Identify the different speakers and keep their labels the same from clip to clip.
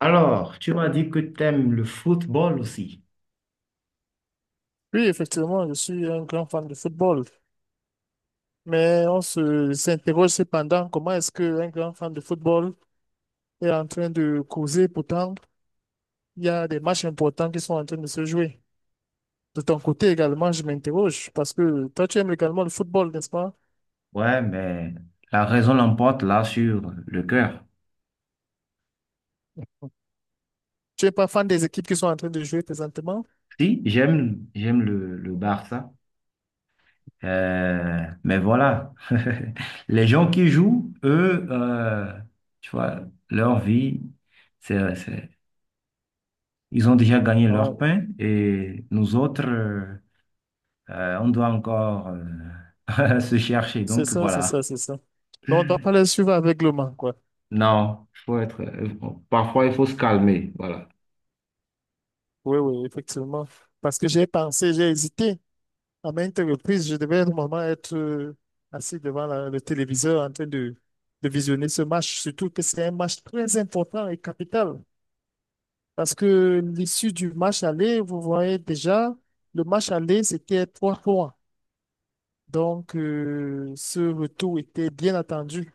Speaker 1: Alors, tu m'as dit que tu aimes le football aussi.
Speaker 2: Oui, effectivement, je suis un grand fan de football, mais on se s'interroge cependant comment est-ce qu'un grand fan de football est en train de causer, pourtant il y a des matchs importants qui sont en train de se jouer. De ton côté également, je m'interroge parce que toi, tu aimes également le football, n'est-ce pas?
Speaker 1: Ouais, mais la raison l'emporte là sur le cœur.
Speaker 2: Tu n'es pas fan des équipes qui sont en train de jouer présentement?
Speaker 1: Si, j'aime, j'aime le Barça. Mais voilà, les gens qui jouent, eux, tu vois, leur vie, c'est, c'est- ils ont déjà gagné
Speaker 2: Ah,
Speaker 1: leur pain et nous autres, on doit encore se chercher.
Speaker 2: c'est
Speaker 1: Donc
Speaker 2: ça, c'est ça,
Speaker 1: voilà.
Speaker 2: c'est ça. Non, on ne doit pas les suivre aveuglement, quoi.
Speaker 1: Non, faut être, parfois il faut se calmer. Voilà.
Speaker 2: Oui, oui, effectivement. Parce que j'ai pensé, j'ai hésité. À maintes reprises, je devais normalement être assis devant le téléviseur en train de visionner ce match, surtout que c'est un match très important et capital. Parce que l'issue du match aller, vous voyez déjà, le match aller, c'était trois points. Donc, ce retour était bien attendu.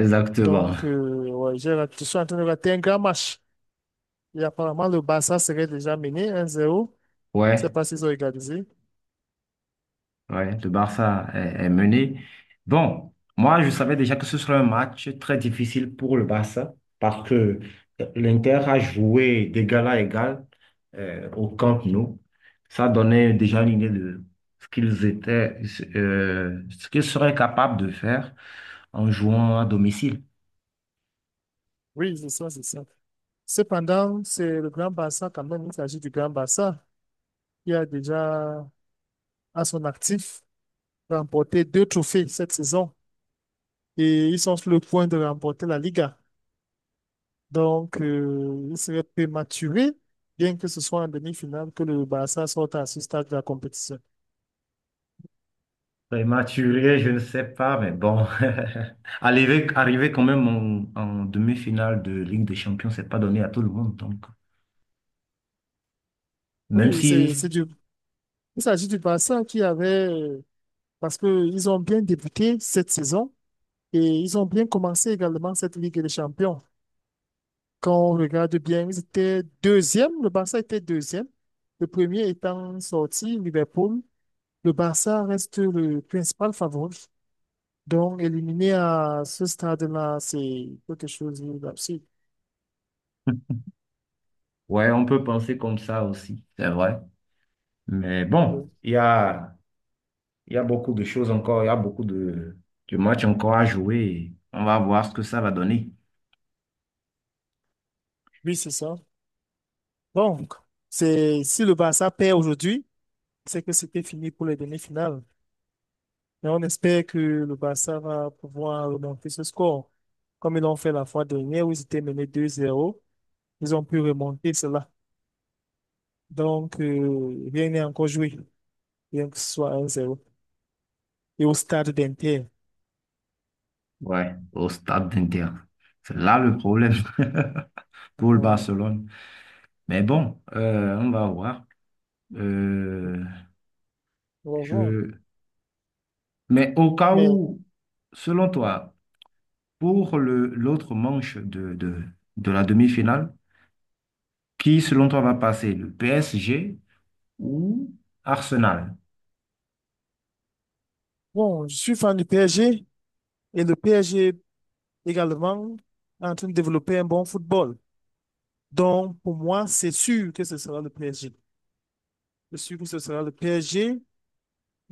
Speaker 1: Exactement.
Speaker 2: Donc, ouais, je suis en train de rater un grand match. Et apparemment, le Barça serait déjà mené 1-0. Je ne sais
Speaker 1: Ouais,
Speaker 2: pas s'ils ont égalisé.
Speaker 1: ouais, le Barça est mené. Bon, moi, je savais déjà que ce serait un match très difficile pour le Barça parce que l'Inter a joué d'égal à égal au Camp Nou. Ça donnait déjà une idée de ce qu'ils étaient, ce qu'ils seraient capables de faire en jouant à domicile.
Speaker 2: Oui, c'est ça, c'est ça. Cependant, c'est le Grand Barça quand même. Il s'agit du Grand Barça qui a déjà à son actif remporté deux trophées cette saison et ils sont sur le point de remporter la Liga. Donc, il serait prématuré, bien que ce soit en demi-finale, que le Barça sorte à ce stade de la compétition.
Speaker 1: Prématuré, je ne sais pas, mais bon. Arriver quand même en demi-finale de Ligue des Champions, c'est pas donné à tout le monde. Donc, même
Speaker 2: Oui, c'est
Speaker 1: si,
Speaker 2: du il s'agit du Barça qui avait, parce qu'ils ont bien débuté cette saison et ils ont bien commencé également cette Ligue des Champions. Quand on regarde bien, ils étaient deuxième, le Barça était deuxième, le premier étant sorti, Liverpool. Le Barça reste le principal favori. Donc, éliminé à ce stade-là, c'est quelque chose d'absurde.
Speaker 1: ouais, on peut penser comme ça aussi, c'est vrai. Mais bon, il y a beaucoup de choses encore, il y a beaucoup de matchs encore à jouer. Et on va voir ce que ça va donner.
Speaker 2: Oui, c'est ça. Donc, si le Barça perd aujourd'hui, c'est que c'était fini pour les demi-finales. Mais on espère que le Barça va pouvoir remonter ce score. Comme ils l'ont fait la fois dernière où ils étaient menés 2-0, ils ont pu remonter cela. Donc, rien n'est encore joué, bien que ce soit 1-0. Et au stade d'Inter,
Speaker 1: Ouais, au stade d'Inter. C'est là le problème pour le
Speaker 2: on
Speaker 1: Barcelone. Mais bon, on va voir. Euh,
Speaker 2: on va voir.
Speaker 1: je, Mais au cas
Speaker 2: Mais
Speaker 1: où, selon toi, pour l'autre manche de la demi-finale, qui selon toi va passer, le PSG ou Arsenal?
Speaker 2: bon, je suis fan du PSG et le PSG également est en train de développer un bon football. Donc, pour moi, c'est sûr que ce sera le PSG. Je suis sûr que ce sera le PSG.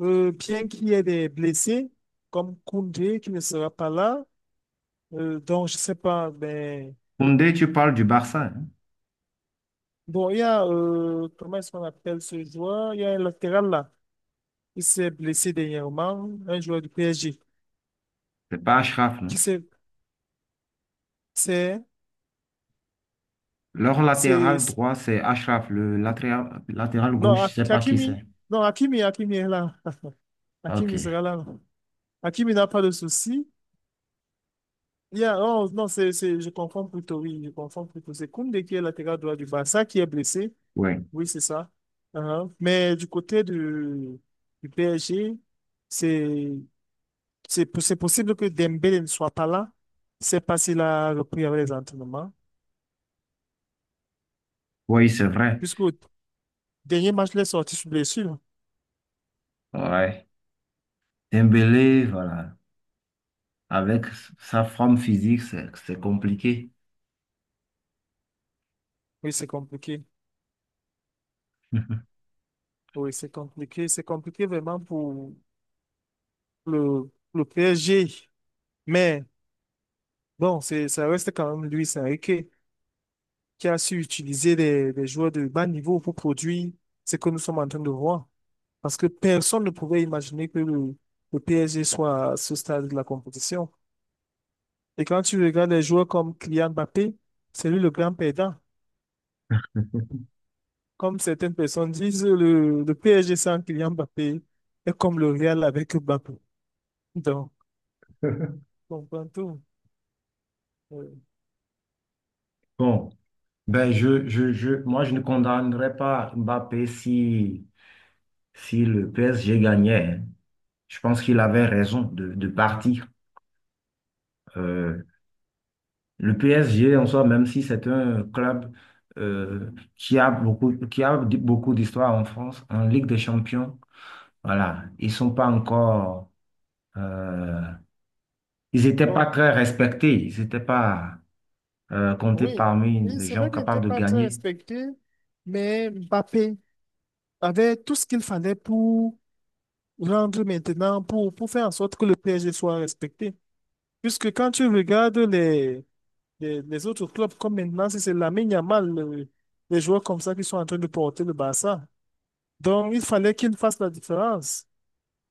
Speaker 2: Bien qu'il y ait des blessés, comme Koundé qui ne sera pas là, donc je sais pas, mais
Speaker 1: Koundé, tu parles du Barça, hein?
Speaker 2: bon, il y a, comment est-ce qu'on appelle ce joueur? Il y a un latéral là, il s'est blessé dernièrement, un joueur du PSG,
Speaker 1: C'est pas Achraf,
Speaker 2: qui
Speaker 1: non?
Speaker 2: s'est, c'est,
Speaker 1: Leur latéral
Speaker 2: c'est-
Speaker 1: droit, c'est Achraf. Le latéral
Speaker 2: non,
Speaker 1: gauche, je sais pas qui
Speaker 2: Hakimi,
Speaker 1: c'est.
Speaker 2: non, Hakimi est là,
Speaker 1: Ok,
Speaker 2: Hakimi sera là, Hakimi n'a pas de souci. Il y a, oh, non, je confonds plutôt, oui, je confonds plutôt, c'est Koundé qui est latéral droit du Barça qui est blessé.
Speaker 1: oui.
Speaker 2: Oui, c'est ça. Uhum. Mais du côté du PSG, c'est c'est possible que Dembélé ne soit pas là. C'est parce qu'il a repris avec les entraînements.
Speaker 1: Oui, c'est vrai.
Speaker 2: Puisqu'au dernier match, il est sorti sous blessure.
Speaker 1: Ouais. Dembélé, voilà. Avec sa forme physique, c'est compliqué.
Speaker 2: Oui, c'est compliqué. Oui, c'est compliqué. C'est compliqué vraiment pour le PSG. Mais bon, ça reste quand même Luis Enrique qui a su utiliser des joueurs de bas niveau pour produire ce que nous sommes en train de voir. Parce que personne ne pouvait imaginer que le PSG soit à ce stade de la compétition. Et quand tu regardes les joueurs comme Kylian Mbappé, c'est lui le grand perdant. Comme certaines personnes disent, le PSG sans Kylian Mbappé est comme le Real avec Mbappé. Donc, on comprend tout. Euh,
Speaker 1: Bon. Ben, moi, je ne condamnerais pas Mbappé si, si le PSG gagnait, hein. Je pense qu'il avait raison de partir. Euh, le PSG, en soi, même si c'est un club qui a beaucoup, beaucoup d'histoire en France, en Ligue des Champions, voilà, ils sont pas encore, euh, ils n'étaient pas
Speaker 2: Bon,
Speaker 1: très respectés, ils n'étaient pas comptés
Speaker 2: oui,
Speaker 1: parmi
Speaker 2: oui,
Speaker 1: les
Speaker 2: c'est
Speaker 1: gens
Speaker 2: vrai qu'il n'était
Speaker 1: capables de
Speaker 2: pas très
Speaker 1: gagner.
Speaker 2: respecté, mais Mbappé avait tout ce qu'il fallait pour rendre maintenant, pour faire en sorte que le PSG soit respecté. Puisque quand tu regardes les autres clubs, comme maintenant, si c'est Lamine Yamal, les joueurs comme ça qui sont en train de porter le Barça. Donc, il fallait qu'il fasse la différence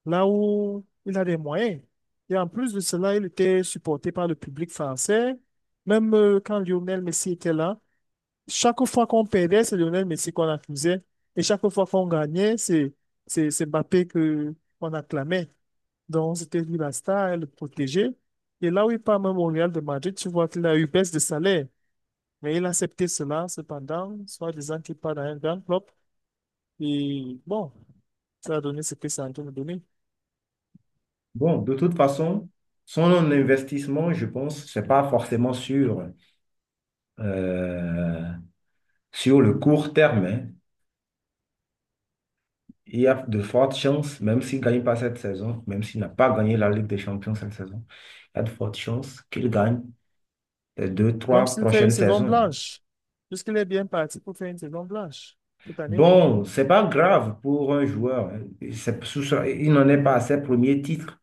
Speaker 2: là où il a des moyens. Et en plus de cela, il était supporté par le public français. Même quand Lionel Messi était là, chaque fois qu'on perdait, c'est Lionel Messi qu'on accusait. Et chaque fois qu'on gagnait, c'est Mbappé que qu'on acclamait. Donc, c'était lui la star, le protégé. Et là où il part même au Real de Madrid, tu vois qu'il a eu baisse de salaire. Mais il a accepté cela, cependant, soit disant qu'il part dans un grand club. Et bon, ça a donné ce que ça a en train de donner.
Speaker 1: Bon, de toute façon, son investissement, je pense, c'est pas forcément sur, euh, sur le court terme, hein. Il y a de fortes chances, même s'il ne gagne pas cette saison, même s'il n'a pas gagné la Ligue des Champions cette saison, il y a de fortes chances qu'il gagne les deux,
Speaker 2: Même
Speaker 1: trois
Speaker 2: s'il fait une
Speaker 1: prochaines
Speaker 2: saison
Speaker 1: saisons, hein.
Speaker 2: blanche, puisqu'il est bien parti pour faire une saison blanche cette année.
Speaker 1: Bon, c'est pas grave pour un joueur, hein. Il n'en est pas à ses premiers titres.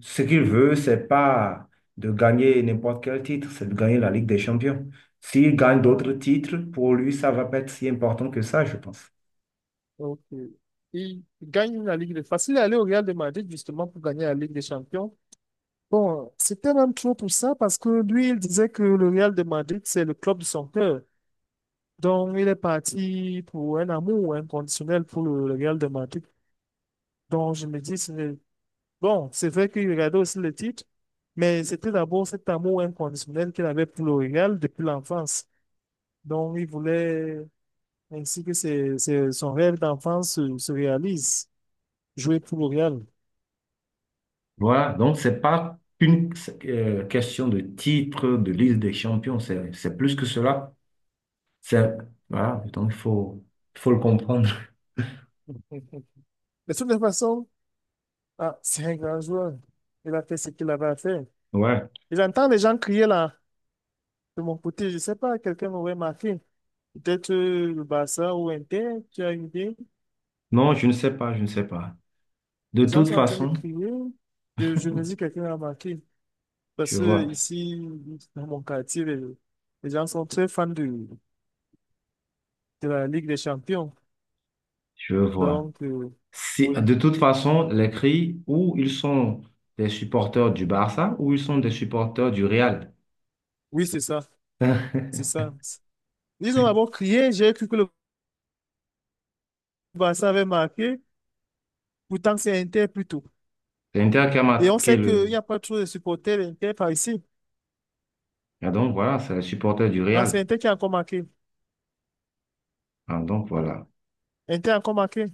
Speaker 1: Ce qu'il veut, c'est pas de gagner n'importe quel titre, c'est de gagner la Ligue des Champions. S'il gagne d'autres
Speaker 2: Ah,
Speaker 1: titres, pour lui, ça va pas être si important que ça, je pense.
Speaker 2: ok. Il gagne la Ligue des Facile à aller au Real de Madrid justement pour gagner la Ligue des Champions. Bon, c'était même trop pour ça parce que lui, il disait que le Real de Madrid, c'est le club de son cœur. Donc, il est parti pour un amour inconditionnel pour le Real de Madrid. Donc, je me dis, bon, c'est vrai qu'il regardait aussi le titre, mais c'était d'abord cet amour inconditionnel qu'il avait pour le Real depuis l'enfance. Donc, il voulait ainsi que son rêve d'enfance se réalise. Jouer pour le Real.
Speaker 1: Voilà, donc c'est pas qu'une question de titre, de liste des champions, c'est plus que cela. C'est, voilà, donc il faut le comprendre.
Speaker 2: Mais De toutes les façons, ah, c'est un grand joueur. Il a fait ce qu'il avait à faire.
Speaker 1: Ouais.
Speaker 2: Et j'entends les gens crier là, de mon côté. Je ne sais pas, quelqu'un m'aurait marqué. Peut-être le Barça ou Inter, tu as une idée.
Speaker 1: Non, je ne sais pas, je ne sais pas. De
Speaker 2: Les gens
Speaker 1: toute
Speaker 2: sont en train de
Speaker 1: façon,
Speaker 2: crier. Je me dis quelqu'un a marqué.
Speaker 1: je
Speaker 2: Parce que
Speaker 1: vois,
Speaker 2: ici, dans mon quartier, les gens sont très fans de la Ligue des Champions.
Speaker 1: je vois.
Speaker 2: Donc,
Speaker 1: Si,
Speaker 2: oui,
Speaker 1: de toute façon, les cris, ou ils sont des supporters du Barça, ou ils sont des supporters du Real.
Speaker 2: oui, c'est ça. C'est
Speaker 1: C'est
Speaker 2: ça. Ils ont d'abord crié, j'ai cru que le Barça avait marqué. Pourtant, c'est Inter plutôt.
Speaker 1: Inter qui a
Speaker 2: Et on
Speaker 1: marqué
Speaker 2: sait qu'il
Speaker 1: le...
Speaker 2: n'y a pas trop de supporters Inter par ici.
Speaker 1: Ah, donc voilà, c'est les supporters du
Speaker 2: Non, c'est
Speaker 1: Real.
Speaker 2: Inter qui a encore marqué.
Speaker 1: Ah, donc voilà.
Speaker 2: Inter a encore marqué.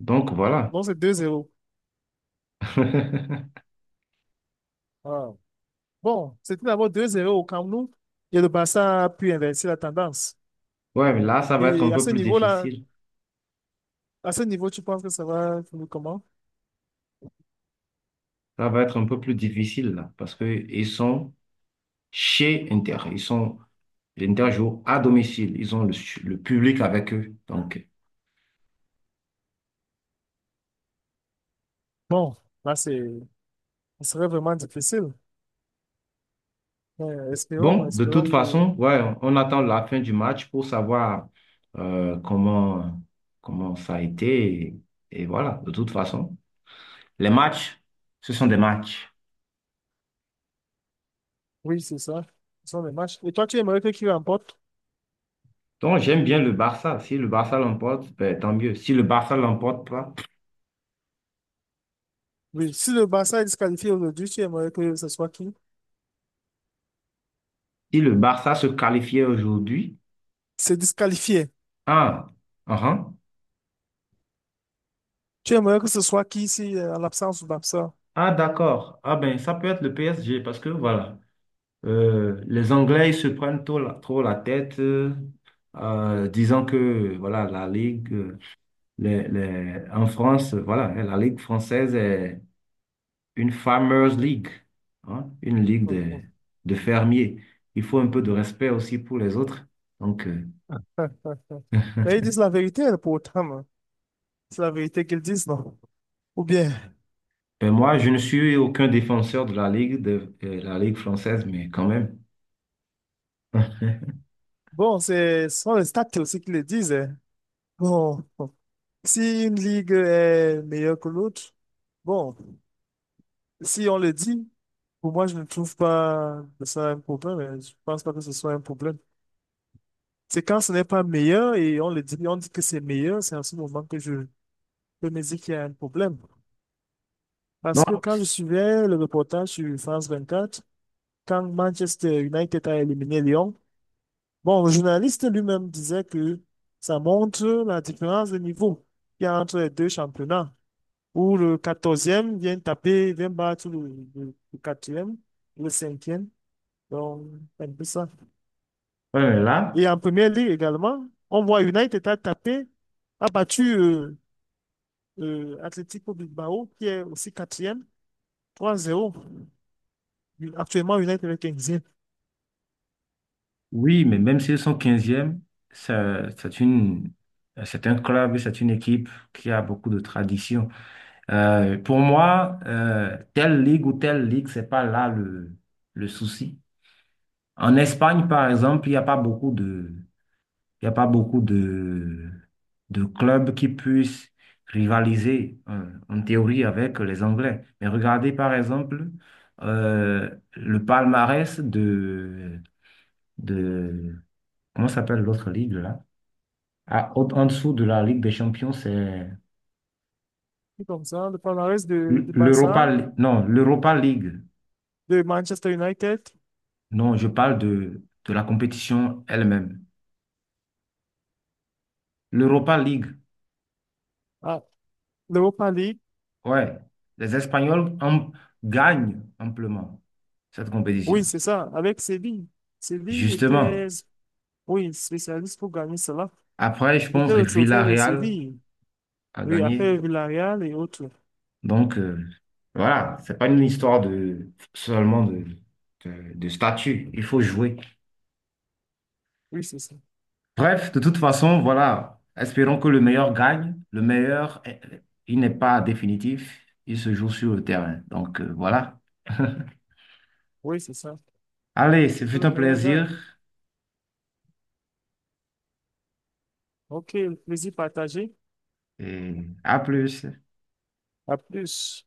Speaker 1: Donc voilà.
Speaker 2: Donc, c'est 2-0. Ah. Bon, c'était d'abord 2-0 au Camp Nou. Et le Barça a pu inverser la tendance.
Speaker 1: Ouais, mais là, ça va être un
Speaker 2: Et à
Speaker 1: peu
Speaker 2: ce
Speaker 1: plus
Speaker 2: niveau-là,
Speaker 1: difficile.
Speaker 2: à ce niveau, tu penses que ça va finir comment?
Speaker 1: Ça va être un peu plus difficile, là, parce que ils sont chez Inter. Ils sont... L'Inter joue à domicile. Ils ont le public avec eux. Donc,
Speaker 2: Bon, là, ce serait vraiment difficile. Espérons,
Speaker 1: bon, de toute
Speaker 2: espérons que,
Speaker 1: façon, ouais, on attend la fin du match pour savoir euh, comment, comment ça a été. Et voilà, de toute façon, les matchs, ce sont des matchs.
Speaker 2: oui, c'est ça. Ce sont les matchs. Et toi, tu aimerais que qui remporte?
Speaker 1: Donc, j'aime bien le Barça. Si le Barça l'emporte, ben, tant mieux. Si le Barça l'emporte pas,
Speaker 2: Oui, si le Barça est disqualifié aujourd'hui, tu aimerais que ce soit qui?
Speaker 1: si le Barça se qualifiait aujourd'hui,
Speaker 2: C'est disqualifié.
Speaker 1: ah, ah, ah,
Speaker 2: Tu aimerais que ce soit qui ici, en l'absence ou l'absent?
Speaker 1: ah, d'accord. Ah ben, ça peut être le PSG parce que voilà, les Anglais ils se prennent trop la tête, disant que voilà la Ligue. En France, voilà, la Ligue française est une Farmers League, hein, une ligue de fermiers. Il faut un peu de respect aussi pour les autres. Donc,
Speaker 2: Mais ils disent la vérité, hein, pour hein. C'est la vérité qu'ils disent, non? Ou bien,
Speaker 1: ben moi, je ne suis aucun défenseur de, la Ligue française, mais quand même.
Speaker 2: bon, ce sont les stats aussi qui le disent, hein. Bon, si une ligue est meilleure que l'autre, bon. Si on le dit, pour moi, je ne trouve pas que ça un problème. Je pense pas que ce soit un problème. C'est quand ce n'est pas meilleur et on le dit, on dit que c'est meilleur, c'est en ce moment que je peux me dire qu'il y a un problème.
Speaker 1: Non,
Speaker 2: Parce que quand je
Speaker 1: c'est-
Speaker 2: suivais le reportage sur France 24 quand Manchester United a éliminé Lyon, bon, le journaliste lui-même disait que ça montre la différence de niveau qu'il y a entre les deux championnats, où le 14e vient taper, vient battre le 4, le 5. Donc, c'est un peu ça.
Speaker 1: ouais, mais là,
Speaker 2: Et en première ligue également, on voit United a tapé, a battu Atlético Bilbao, qui est aussi quatrième, 3-0. Actuellement, United est 15e.
Speaker 1: Oui, mais même s'ils sont 15, c'est une, c'est un club, c'est une équipe qui a beaucoup de tradition. Pour moi, telle ligue ou telle ligue, c'est pas là le souci. En Espagne, par exemple, il y a pas beaucoup de clubs qui puissent rivaliser hein, en théorie avec les Anglais. Mais regardez, par exemple, le palmarès de, comment s'appelle l'autre ligue là? Ah, en dessous de la Ligue des Champions, c'est
Speaker 2: C'est comme ça, le palmarès de Barça,
Speaker 1: l'Europa, non, l'Europa League.
Speaker 2: de Manchester United
Speaker 1: Non, je parle de la compétition elle-même. L'Europa League,
Speaker 2: à l'Europa League.
Speaker 1: ouais. Les Espagnols am- Gagnent amplement cette compétition.
Speaker 2: Oui, c'est ça, avec Séville. Séville était,
Speaker 1: Justement.
Speaker 2: oui, spécialiste pour gagner cela.
Speaker 1: Après, je pense
Speaker 2: C'était
Speaker 1: que
Speaker 2: le trophée de
Speaker 1: Villarreal
Speaker 2: Séville.
Speaker 1: a
Speaker 2: Oui,
Speaker 1: gagné.
Speaker 2: après Villarreal et autres.
Speaker 1: Donc, voilà, c'est pas une histoire de seulement de statut. Il faut jouer.
Speaker 2: Oui, c'est ça.
Speaker 1: Bref, de toute
Speaker 2: C'est ça.
Speaker 1: façon, voilà. Espérons que le meilleur gagne. Le meilleur, eh, il n'est pas définitif. Il se joue sur le terrain. Donc, voilà.
Speaker 2: Oui, c'est ça.
Speaker 1: Allez, ce
Speaker 2: C'est
Speaker 1: fut
Speaker 2: le
Speaker 1: un
Speaker 2: meilleur gars.
Speaker 1: plaisir
Speaker 2: Ok, plaisir partagé.
Speaker 1: et à plus.
Speaker 2: À plus.